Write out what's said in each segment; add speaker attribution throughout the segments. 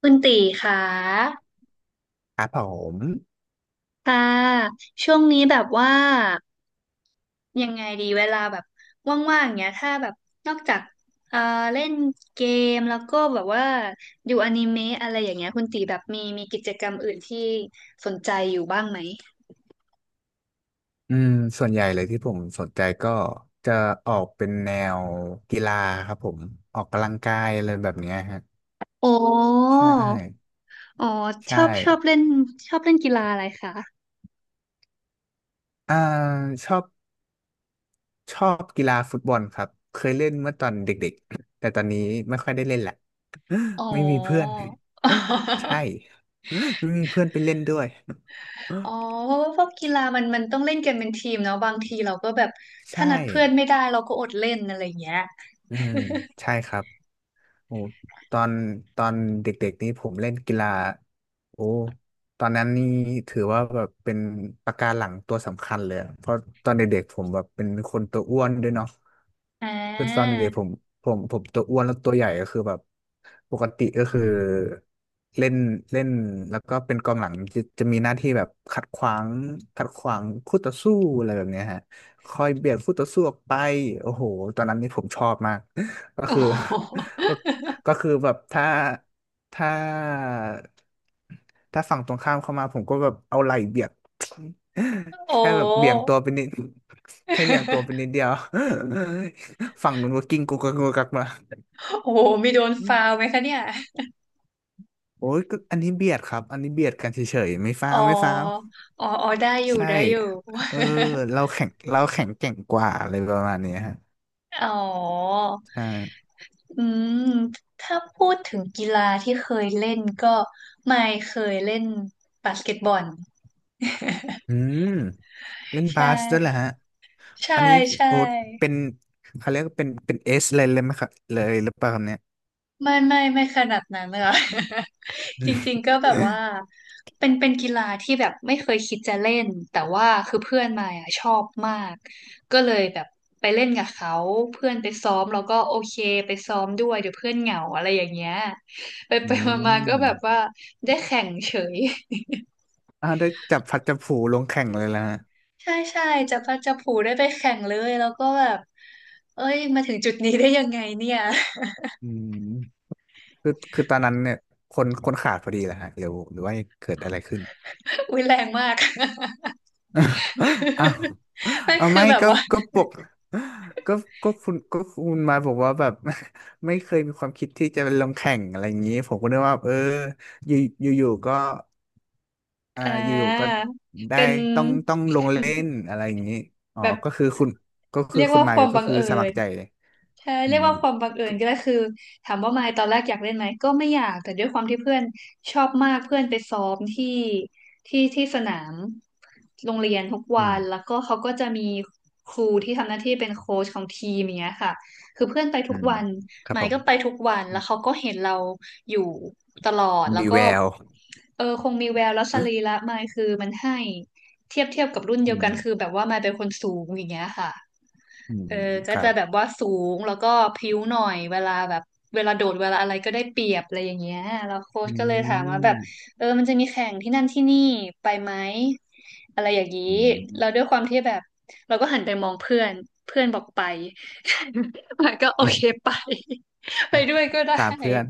Speaker 1: คุณตีค่ะ
Speaker 2: ครับผม
Speaker 1: ค่ะช่วงนี้แบบว่ายังไงดีเวลาแบบว่างๆเนี้ยถ้าแบบนอกจากเอ่อเล่นเกมแล้วก็แบบว่าดูอนิเมะอะไรอย่างเงี้ยคุณตีแบบมีกิจกรรมอื่นที่สนใจอยู่บ้างไหม
Speaker 2: อืมส่วนใหญ่เลยที่ผมสนใจก็จะออกเป็นแนวกีฬาครับผมออกกำลังกายอะไรแบบเนี้ยฮะ
Speaker 1: โอ้
Speaker 2: ใช่
Speaker 1: อ๋อช
Speaker 2: ใช่
Speaker 1: อบชอบเล่นชอบเล่นกีฬาอะไรคะ
Speaker 2: อ่าชอบชอบกีฬาฟุตบอลครับเคยเล่นเมื่อตอนเด็กๆแต่ตอนนี้ไม่ค่อยได้เล่นแหละ
Speaker 1: อ๋อ
Speaker 2: ไม่มีเพื่อน ใช่ ไม่มีเพื่อนไปเล่นด้วย
Speaker 1: อ๋อเพราะว่าพวกกีฬามันต้องเล่นกันเป็นทีมเนาะบางทีเราก็แบบถ้า
Speaker 2: ใช่
Speaker 1: นัดเพื่อนไม่ได้เราก็อดเล่นอะไรอย่างเงี้ย
Speaker 2: อืมใช่ครับ โอ้ตอนตอนเด็กๆนี้ผมเล่นกีฬาโอ้ตอนนั้นนี่ถือว่าแบบเป็นปะการังตัวสำคัญเลยอะเพราะตอนเด็กๆผมแบบเป็นคนตัวอ้วนด้วยเนาะ
Speaker 1: อ่า
Speaker 2: คือตอนเด็กๆผ มผมผมตัวอ้วนแล้วตัวใหญ่ก็คือแบบปกติก็คือเล่นเล่นแล้วก็เป็นกองหลังจะมีหน้าที่แบบขัดขวางขัดขวางคู่ต่อสู้อะไรแบบเนี้ยฮะคอยเบียดคู่ต่อสู้ออกไปโอ้โหตอนนั้นนี่ผมชอบมากก็
Speaker 1: โอ้
Speaker 2: คือ
Speaker 1: โห
Speaker 2: ก็ ก็คือแบบถ้าถ้าฝั่งตรงข้ามเข้ามาผมก็แบบเอาไหล่เบียด
Speaker 1: โอ้
Speaker 2: แค่แบ
Speaker 1: โ
Speaker 2: บเบี่ยง
Speaker 1: ห
Speaker 2: ตัวไปนิดแค่เบี่ยงตัวไปนิดเดียว ฝั่งนู้นก็กิ้งกุกกักกุกกักมา
Speaker 1: โอ้โหมีโดน
Speaker 2: อื
Speaker 1: ฟาว
Speaker 2: ม
Speaker 1: ไหมคะเนี่ย
Speaker 2: โอ้ยก็อันนี้เบียดครับอันนี้เบียดกันเฉยๆไม่ฟ้า
Speaker 1: อ๋อ
Speaker 2: วไม่ฟ้าว
Speaker 1: อ๋อ อ๋อ ได้อยู่
Speaker 2: ใช่
Speaker 1: ได้อยู่
Speaker 2: เออเราแข็งแกร่งกว่าอะไรประมาณเนี้ยฮะ
Speaker 1: อ๋อ
Speaker 2: ใช่
Speaker 1: อืมถ้าพูดถึงกีฬาที่เคยเล่นก็ไม่เคยเล่นบาสเกตบอล
Speaker 2: อืม เล่น บา
Speaker 1: ใช่
Speaker 2: สด้วยแหละฮะ
Speaker 1: ใช่
Speaker 2: อันนี้
Speaker 1: ใช่
Speaker 2: โอ้เป็นเขาเรียกว่าเป็นเอสเลยเลยไหมครับเลยหรือเปล่าครับเนี่ย
Speaker 1: ไม่ไม่ไม่ขนาดนั้นค่ะ
Speaker 2: อื
Speaker 1: จริงๆก็แบบ
Speaker 2: ม
Speaker 1: ว่า เป็นกีฬาที่แบบไม่เคยคิดจะเล่นแต่ว่าคือเพื่อนมายอะชอบมากก็เลยแบบไปเล่นกับเขาเพื่อนไปซ้อมแล้วก็โอเคไปซ้อมด้วยเดี๋ยวเพื่อนเหงาอะไรอย่างเงี้ยไป
Speaker 2: อื
Speaker 1: ไปมาๆก็แบบว่า
Speaker 2: ม
Speaker 1: ได้แข่งเฉย
Speaker 2: อ่าวได้จับพลัดจับผลูลงแข่งเลยแล้วฮะ
Speaker 1: ใช่ใช่จะพัดจะผูได้ไปแข่งเลยแล้วก็แบบเอ้ยมาถึงจุดนี้ได้ยังไงเนี่ย
Speaker 2: อืมคือตอนนั้นเนี่ยคนขาดพอดีแหละฮะหรือหรือว่าเกิดอะไรขึ้น
Speaker 1: อุ้ยแรงมาก
Speaker 2: อ้าว
Speaker 1: ไม่
Speaker 2: เอา
Speaker 1: คือ
Speaker 2: ไม่
Speaker 1: แบบ
Speaker 2: ก็
Speaker 1: ว่า
Speaker 2: ก็ปกก็ก็คุณมาบอกว่าแบบ ไม่เคยมีความคิดที่จะไปลงแข่งอะไรอย่างนี้ผมก็นึกว่าเอออยู่อยู่ๆก็
Speaker 1: อ่
Speaker 2: อยู่ๆก็
Speaker 1: า
Speaker 2: ได้
Speaker 1: เป็น
Speaker 2: ต้องลงเล่นอะไรอย่างนี้อ๋อ
Speaker 1: แบบ
Speaker 2: ก็คือคุณ
Speaker 1: เรียกว่าค
Speaker 2: มาย
Speaker 1: วาม
Speaker 2: ก็
Speaker 1: บัง
Speaker 2: คือ
Speaker 1: เอิ
Speaker 2: สมัค
Speaker 1: ญ
Speaker 2: รใจเลย
Speaker 1: ใช่
Speaker 2: อื
Speaker 1: เรียก
Speaker 2: ม
Speaker 1: ว่าความบังเอิ
Speaker 2: ก็
Speaker 1: ญก็ได้คือถามว่ามายตอนแรกอยากเล่นไหมก็ไม่อยากแต่ด้วยความที่เพื่อนชอบมากเพื่อนไปซ้อมที่ที่สนามโรงเรียนทุก
Speaker 2: อื
Speaker 1: วันแล้ว
Speaker 2: ม
Speaker 1: ก็เขาก็จะมีครูที่ทำหน้าที่เป็นโค้ชของทีมอย่างเงี้ยค่ะคือเพื่อนไป
Speaker 2: อื
Speaker 1: ทุก
Speaker 2: ม
Speaker 1: วัน
Speaker 2: ครับ
Speaker 1: มา
Speaker 2: ผ
Speaker 1: ยก็ไป
Speaker 2: ม
Speaker 1: ทุกวันแล้วเขาก็เห็นเราอยู่ตลอดแล้ว
Speaker 2: มี
Speaker 1: ก็
Speaker 2: แวว
Speaker 1: เออคงมีแววแล้วสรีระมายคือมันให้เทียบกับรุ่นเดี
Speaker 2: อื
Speaker 1: ยวกัน
Speaker 2: ม
Speaker 1: คือแบบว่ามายเป็นคนสูงอย่างเงี้ยค่ะ
Speaker 2: อืม
Speaker 1: เออ
Speaker 2: ค
Speaker 1: ก็
Speaker 2: รั
Speaker 1: จะ
Speaker 2: บ
Speaker 1: แบบว่าสูงแล้วก็พริ้วหน่อยเวลาแบบเวลาโดดเวลาอะไรก็ได้เปรียบอะไรอย่างเงี้ยแล้วโค้
Speaker 2: อื
Speaker 1: ชก็เลยถามว่าแบบ
Speaker 2: ม
Speaker 1: เออมันจะมีแข่งที่นั่นที่นี่ไปไหมอะไรอย่างนี้
Speaker 2: อื
Speaker 1: แล้
Speaker 2: ม
Speaker 1: วด้วยความที่แบบเราก็หันไปมองเพื่อนเพื่อนบอกไป มันก็โอ
Speaker 2: อื
Speaker 1: เค
Speaker 2: ม
Speaker 1: ไป ไป
Speaker 2: อ่ะ
Speaker 1: ด้วยก็ได้
Speaker 2: ตามเพื่อน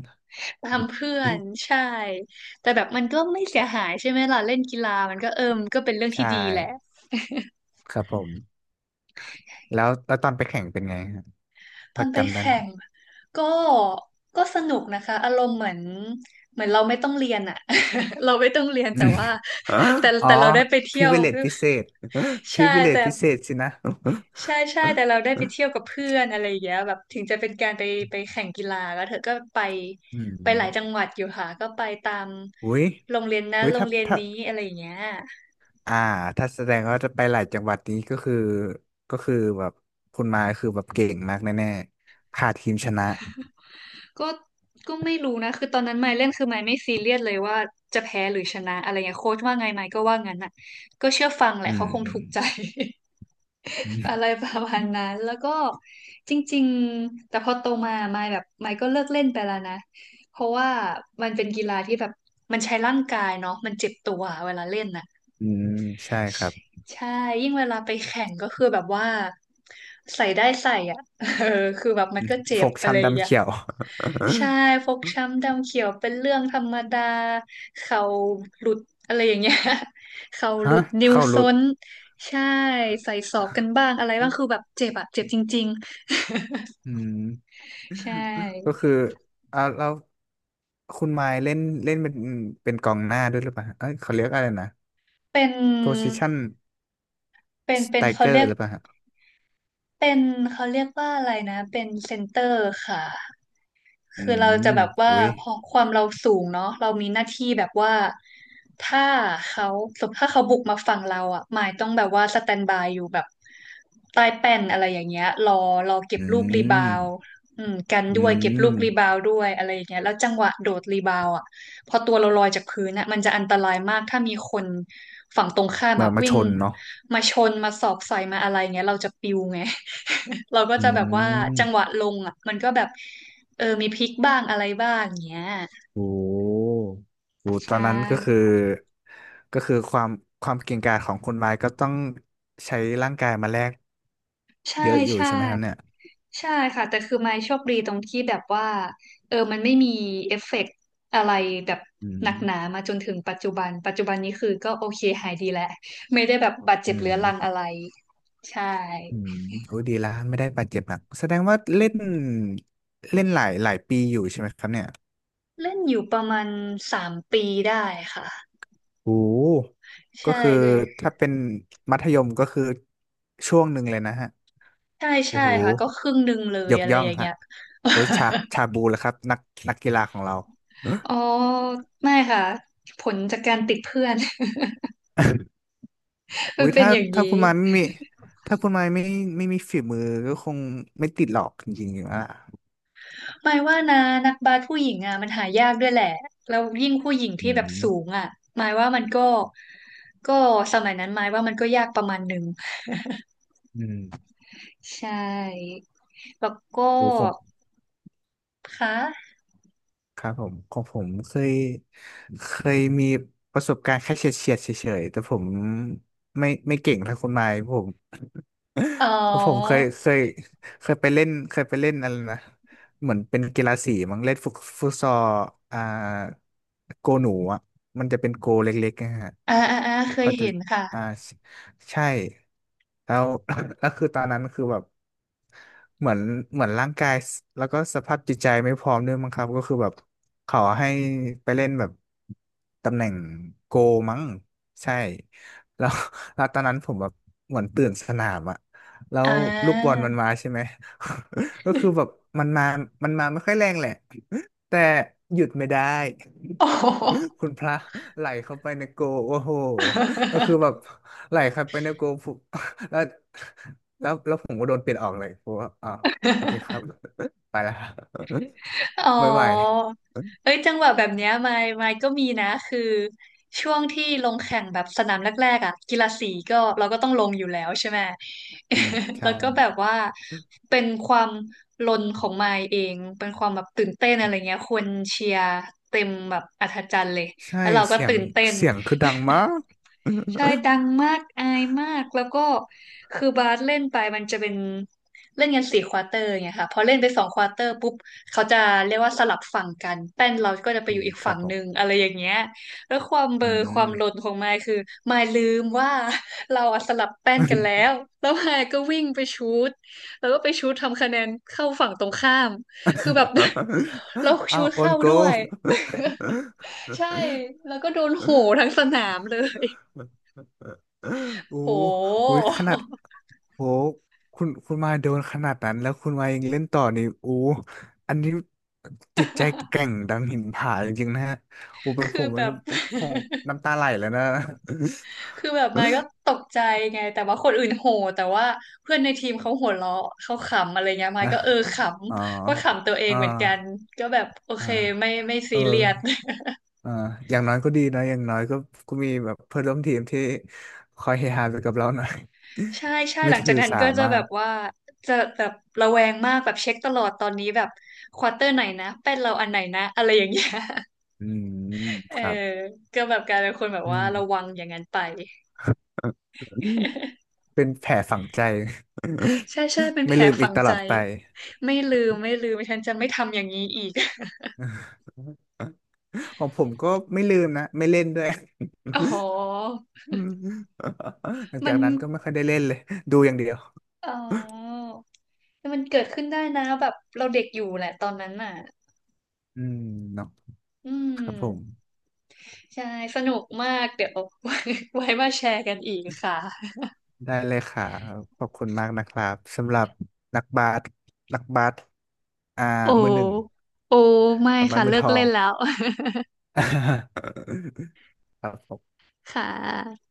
Speaker 1: ตามเพื่อน ใช่แต่แบบมันก็ไม่เสียหายใช่ไหมล่ะเล่นกีฬามันก็เออมนก็เป็นเรื่อง
Speaker 2: ใช่
Speaker 1: ที่ดีแหละ
Speaker 2: ครับผมแล้วตอนไปแข่งเป็นไงฮะ
Speaker 1: ต
Speaker 2: พ
Speaker 1: อ
Speaker 2: อ
Speaker 1: นไป
Speaker 2: จำได้ไห
Speaker 1: แข่
Speaker 2: ม
Speaker 1: งก็ก็สนุกนะคะอารมณ์เหมือนเราไม่ต้องเรียนอะ เราไม่ต้องเรียนแต่ว่า
Speaker 2: อ
Speaker 1: แต่
Speaker 2: ๋อ
Speaker 1: แต่เราได้ไปเที่
Speaker 2: พิ
Speaker 1: ยว
Speaker 2: เวเลตพิเศษ พิ
Speaker 1: ใช่
Speaker 2: เวเลต
Speaker 1: แต่
Speaker 2: พิเศษสินะ
Speaker 1: ใช่ใช่แต่เรา ได้ไปเที่ยวกับเพื่อนอะไรอย่างเงี้ยแบบถึงจะเป็นการไปไปแข่งกีฬาแล้วเธอก็ไป
Speaker 2: อื
Speaker 1: ไปหลายจัง
Speaker 2: ม
Speaker 1: หวัดอยู่ค่ะก็ไปตาม
Speaker 2: อุ้ย
Speaker 1: โรงเรียนนั้นโรง
Speaker 2: ถ้า
Speaker 1: เรียน
Speaker 2: ถ้า
Speaker 1: นี้อะไรอย่างเงี้ย
Speaker 2: อ่าถ้าแสดงว่าจะไปหลายจังหวัดนี้ก็คือก็คือแบบคุณมายคือแบบเก่งมากแน่ๆขาดทีมชนะ
Speaker 1: ก็ก็ไม่รู้นะคือตอนนั้นไมค์เล่นคือไมค์ไม่ซีเรียสเลยว่าจะแพ้หรือชนะอะไรเงี้ยโค้ชว่าไงไมค์ก็ว่างั้นน่ะก็เชื่อฟังแห
Speaker 2: อื
Speaker 1: ละเขา
Speaker 2: ม
Speaker 1: คง
Speaker 2: อื
Speaker 1: ถู
Speaker 2: ม
Speaker 1: กใจ
Speaker 2: อื
Speaker 1: อะ
Speaker 2: ม
Speaker 1: ไรประมาณนั้นแล้วก็จริงๆแต่พอโตมาไมค์แบบไมค์ก็เลิกเล่นไปแล้วนะเพราะว่ามันเป็นกีฬาที่แบบมันใช้ร่างกายเนาะมันเจ็บตัวเวลาเล่นน่ะ
Speaker 2: อืม ใช่ครับ
Speaker 1: ใช่ยิ่งเวลาไปแข่งก็คือแบบว่าใส่ได้ใส่อ่ะ เออคือแบบมันก็เจ็
Speaker 2: ฟ
Speaker 1: บ
Speaker 2: ก
Speaker 1: อะไรอ
Speaker 2: ช้ำ
Speaker 1: ย่าง
Speaker 2: ดำ
Speaker 1: เงี้ย
Speaker 2: เขียว
Speaker 1: ใช่ฟกช้ำดำเขียวเป็นเรื่องธรรมดาเข่าหลุดอะไรอย่างเงี้ย เข่า หลุ
Speaker 2: ฮะ
Speaker 1: ดนิ้ว
Speaker 2: เข้ารุ
Speaker 1: ซ้
Speaker 2: ด
Speaker 1: นใช่ใส่ศอกกันบ้างอะไรบ้างคือแบบเจ็บอะเจ็บจริง
Speaker 2: อืม
Speaker 1: ๆใช่
Speaker 2: ก็คือแล้วคุณมายเล่นเล่นเป็นกองหน้าด้วยหรือเปล่าฮะเอ้ยเขาเรียกอะไรนะ
Speaker 1: เป็น
Speaker 2: position
Speaker 1: เป็นเป็นเขา
Speaker 2: striker
Speaker 1: เรียก
Speaker 2: หรือเปล่าฮะ
Speaker 1: เป็นเขาเรียกว่าอะไรนะเป็นเซนเตอร์ค่ะ
Speaker 2: อื
Speaker 1: คือเรา
Speaker 2: ม
Speaker 1: จะแบบว่า
Speaker 2: อุ้ย
Speaker 1: พอความเราสูงเนาะเรามีหน้าที่แบบว่าถ้าเขาสมมติถ้าเขาบุกมาฝั่งเราอ่ะหมายต้องแบบว่าสแตนบายอยู่แบบใต้แป้นอะไรอย่างเงี้ยรอเก็บ
Speaker 2: อื
Speaker 1: ลูกรีบา
Speaker 2: ม
Speaker 1: วด์อืมกัน
Speaker 2: อื
Speaker 1: ด้วยเก็บลูกรีบา
Speaker 2: ม
Speaker 1: วด์ด้วยอะไรอย่างเงี้ยแล้วจังหวะโดดรีบาวด์อ่ะ พอตัวเราลอยจากพื้นนะมันจะอันตรายมาก ถ้ามีคนฝั่งตรงข้ามอะ
Speaker 2: มา
Speaker 1: วิ่
Speaker 2: ช
Speaker 1: ง
Speaker 2: นเนาะ
Speaker 1: มาชนมาสอบใส่มาอะไรเงี้ยเราจะปิวไง เราก็
Speaker 2: อื
Speaker 1: จะแบบว่าจังหวะ
Speaker 2: ม
Speaker 1: ลงอะมันก็แบบเออมีพลิกบ้างอะไรบ้างเงี้ย
Speaker 2: โอ้โหตอ
Speaker 1: ใช่
Speaker 2: นนั้นก็คือก็คือความความเก่งกาจของคุณไม้ก็ต้องใช้ร่างกายมาแลก
Speaker 1: ใช่
Speaker 2: เยอะอยู่
Speaker 1: ใช่
Speaker 2: ใช่ไหมครับเนี่ย
Speaker 1: ใช่ค่ะแต่คือไม่โชคบีตรงที่แบบว่าเออมันไม่มีเอฟเฟกต์อะไรแบบ
Speaker 2: อื
Speaker 1: ห
Speaker 2: ม
Speaker 1: นักหนามาจนถึงปัจจุบันนี้คือก็โอเคหายดีแล้วไม่ได้แบบบาดเจ็
Speaker 2: อื
Speaker 1: บเรื้อรังอะ
Speaker 2: ม
Speaker 1: ไรใช่
Speaker 2: อืมโอ้ยดีละไม่ได้บาดเจ็บหนักแสดงว่าเล่นเล่นหลายปีอยู่ใช่ไหมครับเนี่ย
Speaker 1: เล่นอยู่ประมาณ3 ปีได้ค่ะ
Speaker 2: โอ้โหก็
Speaker 1: ใช่
Speaker 2: คือ
Speaker 1: เลย
Speaker 2: ถ้าเป็นมัธยมก็คือช่วงหนึ่งเลยนะฮะ
Speaker 1: ใช่
Speaker 2: โอ้
Speaker 1: ใช่
Speaker 2: โห
Speaker 1: ค่ะก็ครึ่งหนึ่งเลย
Speaker 2: ยก
Speaker 1: อะไร
Speaker 2: ย่อ
Speaker 1: อ
Speaker 2: ง
Speaker 1: ย่างเงี้
Speaker 2: ฮะ
Speaker 1: ย
Speaker 2: โอ้ยชาบูแหละครับนักกีฬาของเราเออ
Speaker 1: อ๋อไม่ค่ะผลจากการติดเพื่อน มั
Speaker 2: อุ้
Speaker 1: น
Speaker 2: ย
Speaker 1: เป็น
Speaker 2: ถ้า
Speaker 1: อย่าง
Speaker 2: ถ้าคุ
Speaker 1: นี้
Speaker 2: ณมันไม่มีถ้าคุณมันไม่มีฝีมือก็คงไม่ติดหรอกจริงๆอ่ะ
Speaker 1: หมายว่านะนักบาสผู้หญิงอ่ะมันหายากด้วยแหละแล้วยิ่งผู้หญิง
Speaker 2: อื
Speaker 1: ที่แบบสูง
Speaker 2: ม
Speaker 1: อ่ะหมายว่ามันก็ก็สมัยนั้นหมายว่ามันก็ยากประมาณหนึ่ง
Speaker 2: อืม
Speaker 1: ใช่แล้วก็
Speaker 2: โอ้ผม
Speaker 1: ค่ะ
Speaker 2: ครับผมของผมเคยมีประสบการณ์แค่เฉียดเฉียดเฉยๆแต่ผมไม่เก่งเท่าคุณไม้ผม
Speaker 1: อ๋อ
Speaker 2: ผมเคยไปเล่นอะไรนะเหมือนเป็นกีฬาสีมั้งเล่นฟุตซอลอ่าโกหนูอ่ะมันจะเป็นโกเล็กๆนะฮะ
Speaker 1: อ่าอ่าอ่าเค
Speaker 2: พอ
Speaker 1: ย
Speaker 2: จะ
Speaker 1: เห็นค่ะ
Speaker 2: อ่าใช่แล้ว แล้วคือตอนนั้นคือแบบเหมือนเหมือนร่างกายแล้วก็สภาพจิตใจไม่พร้อมด้วยมั้งครับก็คือแบบขอให้ไปเล่นแบบตำแหน่งโกมั้งใช่แล้ว แล้วตอนนั้นผมแบบเหมือนตื่นสนามอะ แล้
Speaker 1: อ่
Speaker 2: วลูกบอลมัน
Speaker 1: า
Speaker 2: มาใช่ไหม ก็คือแบบมันมามันมาไม่ค่อยแรงแหละ แต่หยุดไม่ได้
Speaker 1: โอ้โห
Speaker 2: คุณพระไหลเข้าไปในโกลโอ้โหก็คือแบบไหลเข้าไปในโกล ปุ๊บ แล้วแล้วผมก็โดนเปลี่ยนออกเลยผมว่าอ๋อโอเคครับ ไปแล้ว
Speaker 1: อ๋อ
Speaker 2: ไม่ไหว
Speaker 1: เอ้ยจังหวะแบบเนี้ยมายก็มีนะคือช่วงที่ลงแข่งแบบสนามแรกๆอ่ะกีฬาสีก็เราก็ต้องลงอยู่แล้วใช่ไหม
Speaker 2: อืม ใช่
Speaker 1: แล้วก็แบบว่าเป็นความลนของมายเองเป็นความแบบตื่นเต้นอะไรเงี้ยคนเชียร์เต็มแบบอัศจรรย์เลย
Speaker 2: ใช่
Speaker 1: แล้วเราก็
Speaker 2: เสียง
Speaker 1: ตื่นเต้น
Speaker 2: เสียงคือดังมาก
Speaker 1: ใช่ดังมากอายมากแล้วก็คือบาสเล่นไปมันจะเป็นเล่นกันสี่ควอเตอร์ไงค่ะพอเล่นไปสองควอเตอร์ปุ๊บเขาจะเรียกว่าสลับฝั่งกันแป้นเราก็จะ ไป
Speaker 2: อื
Speaker 1: อยู่
Speaker 2: ม
Speaker 1: อีก
Speaker 2: ครั
Speaker 1: ฝั่
Speaker 2: บ
Speaker 1: ง
Speaker 2: ผ
Speaker 1: หนึ่ง
Speaker 2: ม
Speaker 1: อะไรอย่างเงี้ยแล้วความเบล
Speaker 2: อื
Speaker 1: อควา
Speaker 2: ม
Speaker 1: มหลนของมายคือมายลืมว่า เราอะสลับแป้นกันแล้วแล้วมายก็วิ่งไปชูตแล้วก็ไปชูตทำคะแนนเข้าฝั่งตรงข้ามคือแบบ เรา
Speaker 2: อ้า
Speaker 1: ชู
Speaker 2: ว
Speaker 1: ต
Speaker 2: โอน
Speaker 1: เข้า
Speaker 2: โก
Speaker 1: ด้วย ใช่แล้วก็โดนโหทั้งสนามเลย
Speaker 2: โอ้
Speaker 1: โ
Speaker 2: โห
Speaker 1: ห
Speaker 2: ขนาดโหคุณมาโดนขนาดนั้นแล้วคุณมายังเล่นต่อนี่โอ้อันนี้จิตใจแกร่ งดังหินผาจริงๆนะฮะโอ้เป็นผ
Speaker 1: คือ
Speaker 2: ม
Speaker 1: แบ
Speaker 2: มัน
Speaker 1: บ
Speaker 2: คง น้ำตาไหลแล้วนะ
Speaker 1: คือแบบมายก็ตกใจไงแต่ว่าคนอื่นโห่แต่ว่าเพื่อนในทีมเขาหัวเราะเขาขำอะไรเงี้ยมายก็เออ ข
Speaker 2: อ๋อ
Speaker 1: ำก็ขำตัวเอง
Speaker 2: อ่า
Speaker 1: เหมือนกันก็แบบโอ
Speaker 2: อ่า
Speaker 1: เคไม่
Speaker 2: เอ
Speaker 1: ซีเรียส
Speaker 2: อ อ่าอย่างน้อยก็ดีนะอย่างน้อยก็ก็มีแบบเพื่อนร่วมทีมที่คอยเฮฮาไปกับเราหน่อย
Speaker 1: ใช่ ใช่
Speaker 2: ไม่
Speaker 1: หลังจา
Speaker 2: ถื
Speaker 1: ก
Speaker 2: อ
Speaker 1: นั้น
Speaker 2: สา
Speaker 1: ก็จะ
Speaker 2: มา
Speaker 1: แบ
Speaker 2: ก
Speaker 1: บว่าจะแบบระแวงมากแบบเช็คตลอดตอนนี้แบบควอเตอร์ไหนนะเป็นเราอันไหนนะอะไรอย่างเงี้ย
Speaker 2: อืม
Speaker 1: เอ
Speaker 2: ค
Speaker 1: อ
Speaker 2: รับ
Speaker 1: ก็แบบกลายเป็นคนแบบ
Speaker 2: อื
Speaker 1: ว่า
Speaker 2: ม
Speaker 1: ระวังอย่างนั้นไป
Speaker 2: เป็นแผลฝังใจ
Speaker 1: ใช่ใช่เป็น แผ
Speaker 2: ไม่
Speaker 1: ล
Speaker 2: ลืมอี
Speaker 1: ฝั
Speaker 2: ก
Speaker 1: ง
Speaker 2: ตล
Speaker 1: ใจ
Speaker 2: อดไป
Speaker 1: ไม่ลืมไม่ลืมฉันจะไม่ทำอย่างนี้อีก
Speaker 2: ของผมก็ไม่ลืมนะไม่เล่นด้วย
Speaker 1: อ๋อ
Speaker 2: อืมหลัง
Speaker 1: มั
Speaker 2: จา
Speaker 1: น
Speaker 2: กนั้นก็ไม่ค่อยได้เล่นเลยดูอย่างเดียว
Speaker 1: อ๋อ มันเกิดขึ้นได้นะแบบเราเด็กอยู่แหละตอนนั้นน่ะ
Speaker 2: อืมเนาะ
Speaker 1: อืม
Speaker 2: ครับผม
Speaker 1: ใช่สนุกมากเดี๋ยว ไว้มาแชร์กันอีกค่ะ
Speaker 2: ได้เลยค่ะขอบคุณมากนะครับสำหรับนักบาสนักบาสอ่า
Speaker 1: โอ้
Speaker 2: มือหนึ่ง
Speaker 1: โอ้ไม่
Speaker 2: กำมั
Speaker 1: ค่ะ
Speaker 2: นมื
Speaker 1: เลิ
Speaker 2: อท
Speaker 1: ก
Speaker 2: อ
Speaker 1: เล่
Speaker 2: ง
Speaker 1: นแล้ว
Speaker 2: ครับผม
Speaker 1: ค่ะ